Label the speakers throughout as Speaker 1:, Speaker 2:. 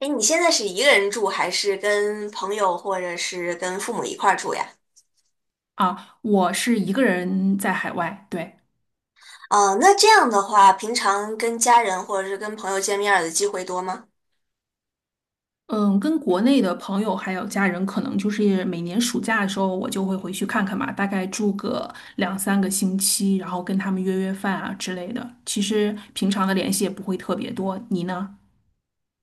Speaker 1: 哎，你现在是一个人住，还是跟朋友或者是跟父母一块儿住呀？
Speaker 2: 啊，我是一个人在海外，对，
Speaker 1: 哦，那这样的话，平常跟家人或者是跟朋友见面儿的机会多吗？
Speaker 2: 嗯，跟国内的朋友还有家人，可能就是每年暑假的时候，我就会回去看看嘛，大概住个两三个星期，然后跟他们约约饭啊之类的。其实平常的联系也不会特别多。你呢？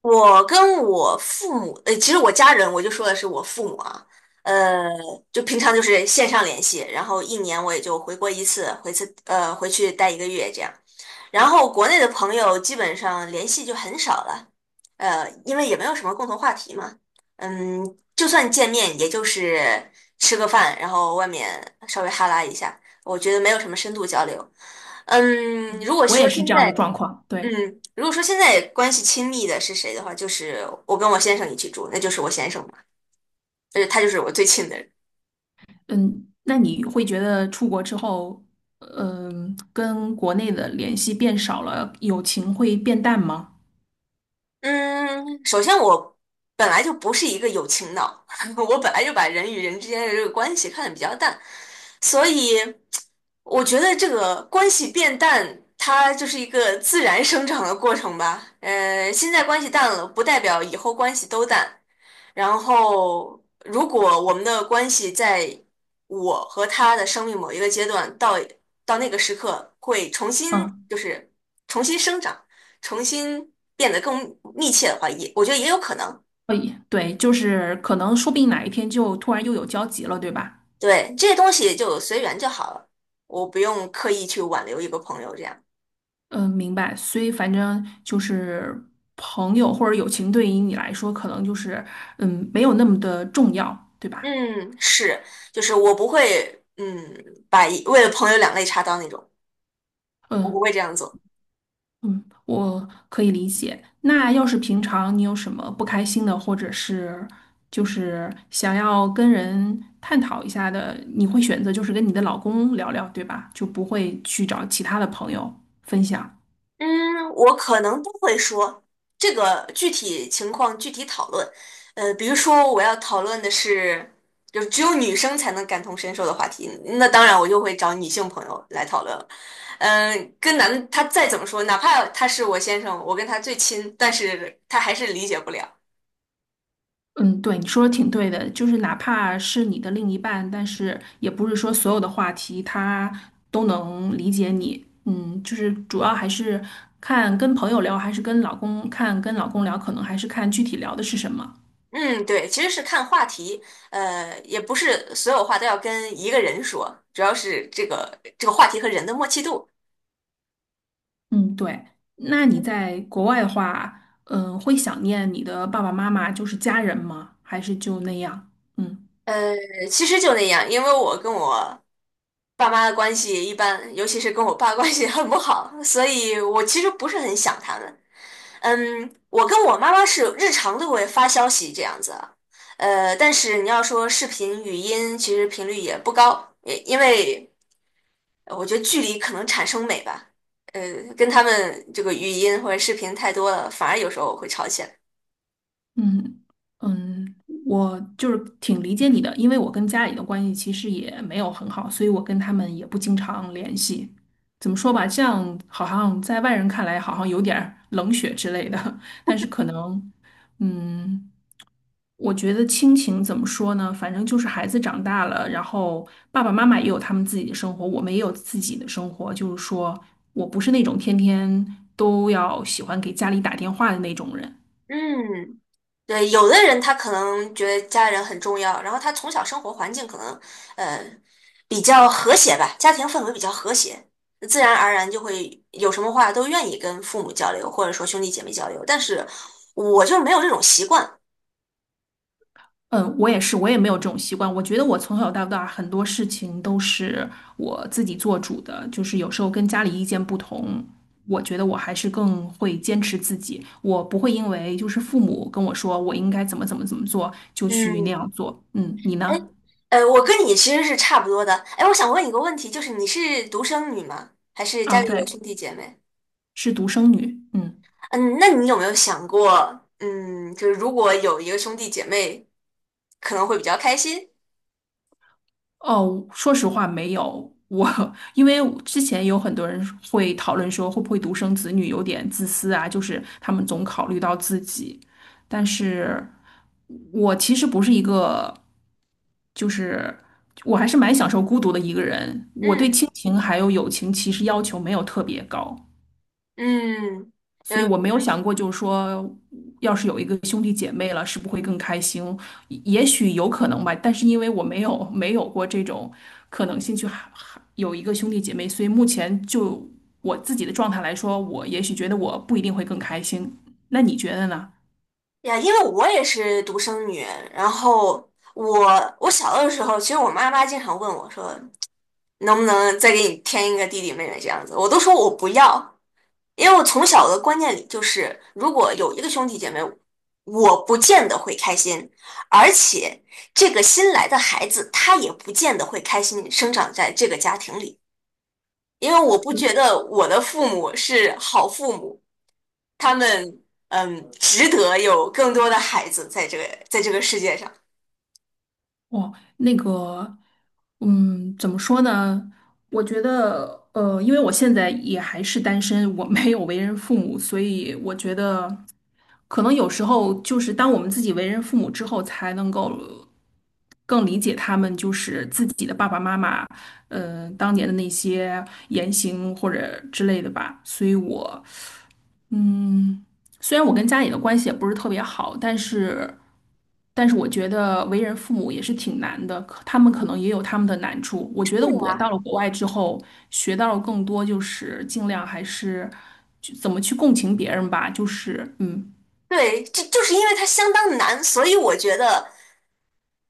Speaker 1: 我跟我父母，其实我家人，我就说的是我父母啊，呃，就平常就是线上联系，然后一年我也就回国一次，回去待一个月这样。然后国内的朋友基本上联系就很少了，因为也没有什么共同话题嘛。嗯，就算见面，也就是吃个饭，然后外面稍微哈拉一下，我觉得没有什么深度交流。嗯，如果
Speaker 2: 我也
Speaker 1: 说现
Speaker 2: 是这样的
Speaker 1: 在。
Speaker 2: 状况，对，
Speaker 1: 嗯，如果说现在关系亲密的是谁的话，就是我跟我先生一起住，那就是我先生嘛，就是他就是我最亲的人。
Speaker 2: 嗯，那你会觉得出国之后，跟国内的联系变少了，友情会变淡吗？
Speaker 1: 嗯，首先我本来就不是一个有情脑，我本来就把人与人之间的这个关系看得比较淡，所以我觉得这个关系变淡，它就是一个自然生长的过程吧。呃，现在关系淡了，不代表以后关系都淡。然后，如果我们的关系在我和他的生命某一个阶段到那个时刻会重新
Speaker 2: 嗯。
Speaker 1: 就是重新生长。重新变得更密切的话，也我觉得也有可能。
Speaker 2: 对，就是可能说不定哪一天就突然又有交集了，对吧？
Speaker 1: 对，这些东西就随缘就好了，我不用刻意去挽留一个朋友这样。
Speaker 2: 嗯，明白。所以反正就是朋友或者友情对于你来说，可能就是没有那么的重要，对吧？
Speaker 1: 嗯，是，就是我不会，嗯，把一为了朋友两肋插刀那种，我不
Speaker 2: 嗯
Speaker 1: 会这样做。
Speaker 2: 嗯，我可以理解。那要是平常你有什么不开心的，或者是就是想要跟人探讨一下的，你会选择就是跟你的老公聊聊，对吧？就不会去找其他的朋友分享。
Speaker 1: 嗯，我可能都会说这个具体情况具体讨论。呃，比如说我要讨论的是，就只有女生才能感同身受的话题，那当然我就会找女性朋友来讨论了。嗯，跟男的他再怎么说，哪怕他是我先生，我跟他最亲，但是他还是理解不了。
Speaker 2: 嗯，对，你说的挺对的，就是哪怕是你的另一半，但是也不是说所有的话题他都能理解你。嗯，就是主要还是看跟朋友聊，还是跟老公看跟老公聊，可能还是看具体聊的是什么。
Speaker 1: 嗯，对，其实是看话题，也不是所有话都要跟一个人说，主要是这个话题和人的默契度。
Speaker 2: 嗯，对。那你在国外的话，会想念你的爸爸妈妈，就是家人吗？还是就那样？嗯。
Speaker 1: 呃，其实就那样，因为我跟我爸妈的关系一般，尤其是跟我爸关系很不好，所以我其实不是很想他们。嗯，我跟我妈妈是日常都会发消息这样子啊，呃，但是你要说视频、语音，其实频率也不高，也因为我觉得距离可能产生美吧。呃，跟他们这个语音或者视频太多了，反而有时候会吵起来。
Speaker 2: 嗯嗯，我就是挺理解你的，因为我跟家里的关系其实也没有很好，所以我跟他们也不经常联系。怎么说吧，这样好像在外人看来好像有点儿冷血之类的，但是可能，嗯，我觉得亲情怎么说呢？反正就是孩子长大了，然后爸爸妈妈也有他们自己的生活，我们也有自己的生活。就是说我不是那种天天都要喜欢给家里打电话的那种人。
Speaker 1: 嗯，对，有的人他可能觉得家人很重要，然后他从小生活环境可能呃比较和谐吧，家庭氛围比较和谐，自然而然就会有什么话都愿意跟父母交流，或者说兄弟姐妹交流。但是我就没有这种习惯。
Speaker 2: 嗯，我也是，我也没有这种习惯。我觉得我从小到大很多事情都是我自己做主的，就是有时候跟家里意见不同，我觉得我还是更会坚持自己。我不会因为就是父母跟我说我应该怎么怎么怎么做，就去那
Speaker 1: 嗯，
Speaker 2: 样做。嗯，你
Speaker 1: 哎，
Speaker 2: 呢？
Speaker 1: 我跟你其实是差不多的。哎，我想问一个问题，就是你是独生女吗？还是
Speaker 2: 啊，
Speaker 1: 家里有
Speaker 2: 对，
Speaker 1: 兄弟姐妹？
Speaker 2: 是独生女。嗯。
Speaker 1: 嗯，那你有没有想过，嗯，就是如果有一个兄弟姐妹，可能会比较开心？
Speaker 2: 哦，说实话没有。我 因为之前有很多人会讨论说，会不会独生子女有点自私啊？就是他们总考虑到自己，但是我其实不是一个，就是我还是蛮享受孤独的一个人。我对亲
Speaker 1: 嗯。
Speaker 2: 情还有友情其实要求没有特别高。
Speaker 1: 嗯。
Speaker 2: 所以我
Speaker 1: 嗯
Speaker 2: 没有想过，就是说，要是有一个兄弟姐妹了，是不会更开心？也许有可能吧，但是因为我没有过这种可能性去哈哈有一个兄弟姐妹，所以目前就我自己的状态来说，我也许觉得我不一定会更开心。那你觉得呢？
Speaker 1: 呀，因为我也是独生女，然后我小的时候，其实我妈妈经常问我说，能不能再给你添一个弟弟妹妹这样子，我都说我不要，因为我从小的观念里就是，如果有一个兄弟姐妹，我不见得会开心，而且这个新来的孩子他也不见得会开心生长在这个家庭里，因为我不觉得我的父母是好父母。他们嗯，值得有更多的孩子在这个在这个世界上。
Speaker 2: 哦，那个，怎么说呢？我觉得，因为我现在也还是单身，我没有为人父母，所以我觉得。可能有时候就是当我们自己为人父母之后，才能够更理解他们，就是自己的爸爸妈妈，当年的那些言行或者之类的吧。所以我虽然我跟家里的关系也不是特别好，但是我觉得为人父母也是挺难的，可他们可能也有他们的难处。我觉
Speaker 1: 对
Speaker 2: 得我到
Speaker 1: 呀。
Speaker 2: 了国外之后，学到了更多，就是尽量还是就怎么去共情别人吧，就是。
Speaker 1: 对，这就是因为它相当难，所以我觉得，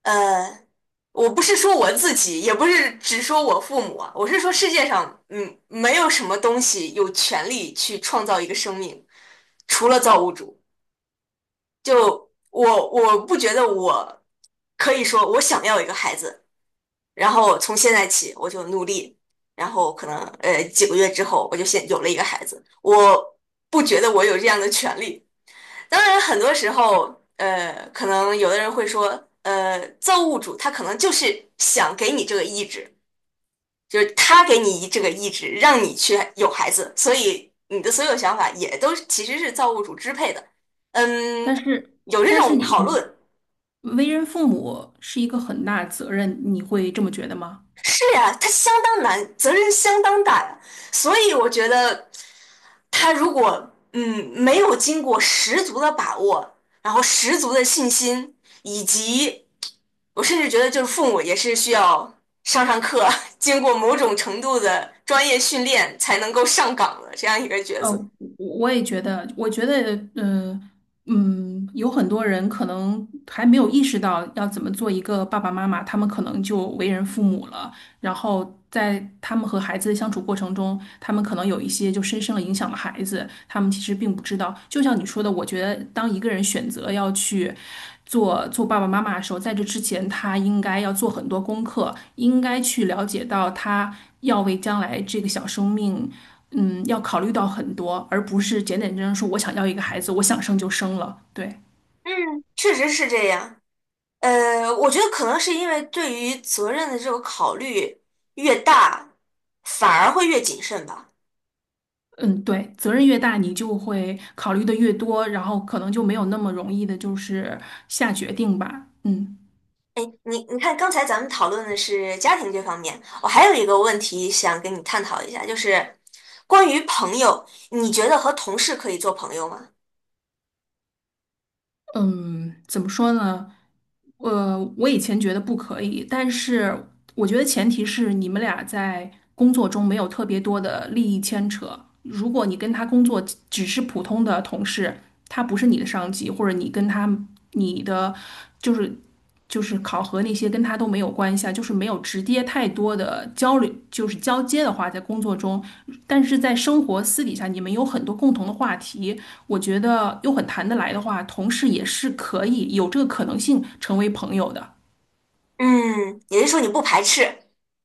Speaker 1: 呃，我不是说我自己，也不是只说我父母啊，我是说世界上，嗯，没有什么东西有权利去创造一个生命，除了造物主。就我，我不觉得我可以说我想要一个孩子，然后从现在起我就努力，然后可能几个月之后我就先有了一个孩子，我不觉得我有这样的权利。当然，很多时候可能有的人会说，造物主他可能就是想给你这个意志，就是他给你这个意志，让你去有孩子，所以你的所有想法也都其实是造物主支配的。
Speaker 2: 但
Speaker 1: 嗯，
Speaker 2: 是
Speaker 1: 有这
Speaker 2: 但是
Speaker 1: 种
Speaker 2: 你
Speaker 1: 讨论。
Speaker 2: 为人父母是一个很大的责任，你会这么觉得吗？
Speaker 1: 是呀，他相当难，责任相当大呀。所以我觉得，他如果没有经过十足的把握，然后十足的信心，以及我甚至觉得就是父母也是需要上上课，经过某种程度的专业训练才能够上岗的这样一个角
Speaker 2: 呃，
Speaker 1: 色。
Speaker 2: 我也觉得，我觉得，嗯嗯，有很多人可能还没有意识到要怎么做一个爸爸妈妈，他们可能就为人父母了，然后在他们和孩子的相处过程中，他们可能有一些就深深的影响了孩子，他们其实并不知道。就像你说的，我觉得当一个人选择要去做做爸爸妈妈的时候，在这之前，他应该要做很多功课，应该去了解到他要为将来这个小生命。嗯，要考虑到很多，而不是简简单单说我想要一个孩子，我想生就生了。对，
Speaker 1: 嗯，确实是这样。呃，我觉得可能是因为对于责任的这个考虑越大，反而会越谨慎吧。
Speaker 2: 嗯，对，责任越大，你就会考虑的越多，然后可能就没有那么容易的，就是下决定吧。嗯
Speaker 1: 哎，你看，刚才咱们讨论的是家庭这方面，我还有一个问题想跟你探讨一下，就是关于朋友，你觉得和同事可以做朋友吗？
Speaker 2: 嗯，怎么说呢？我以前觉得不可以，但是我觉得前提是你们俩在工作中没有特别多的利益牵扯。如果你跟他工作只是普通的同事，他不是你的上级，或者你跟他你的就是就是考核那些跟他都没有关系啊，就是没有直接太多的交流，就是交接的话，在工作中，但是在生活私底下，你们有很多共同的话题，我觉得又很谈得来的话，同事也是可以有这个可能性成为朋友的。
Speaker 1: 嗯，也就是说你不排斥。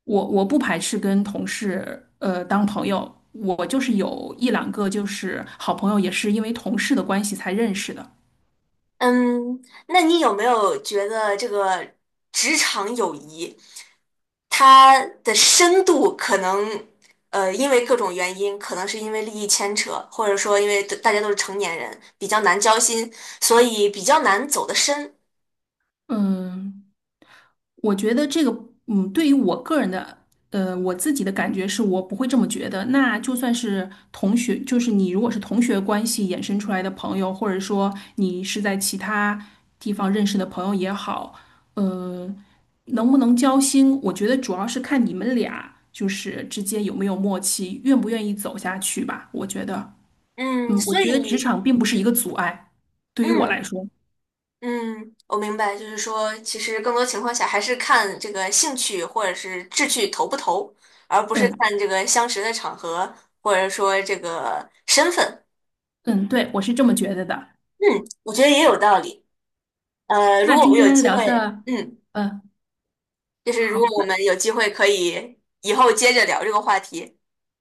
Speaker 2: 我不排斥跟同事当朋友，我就是有一两个就是好朋友，也是因为同事的关系才认识的。
Speaker 1: 嗯，那你有没有觉得这个职场友谊它的深度可能，呃，因为各种原因，可能是因为利益牵扯，或者说因为大家都是成年人，比较难交心，所以比较难走得深。
Speaker 2: 嗯，我觉得这个，对于我个人的，我自己的感觉是我不会这么觉得。那就算是同学，就是你如果是同学关系衍生出来的朋友，或者说你是在其他地方认识的朋友也好，呃，能不能交心，我觉得主要是看你们俩就是之间有没有默契，愿不愿意走下去吧。我觉得，
Speaker 1: 嗯，
Speaker 2: 我
Speaker 1: 所
Speaker 2: 觉得职
Speaker 1: 以。
Speaker 2: 场并不是一个阻碍，对于我来
Speaker 1: 嗯。
Speaker 2: 说，
Speaker 1: 嗯，我明白，就是说，其实更多情况下还是看这个兴趣或者是志趣投不投，而不是
Speaker 2: 嗯
Speaker 1: 看这个相识的场合或者说这个身份。
Speaker 2: 嗯，对，我是这么觉得的。
Speaker 1: 嗯，我觉得也有道理。呃，如
Speaker 2: 那
Speaker 1: 果我
Speaker 2: 今
Speaker 1: 们有
Speaker 2: 天
Speaker 1: 机
Speaker 2: 聊
Speaker 1: 会，
Speaker 2: 的，呃，好，那
Speaker 1: 可以以后接着聊这个话题。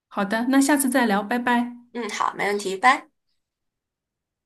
Speaker 2: 好的，那下次再聊，拜拜。
Speaker 1: 嗯，好，没问题，拜。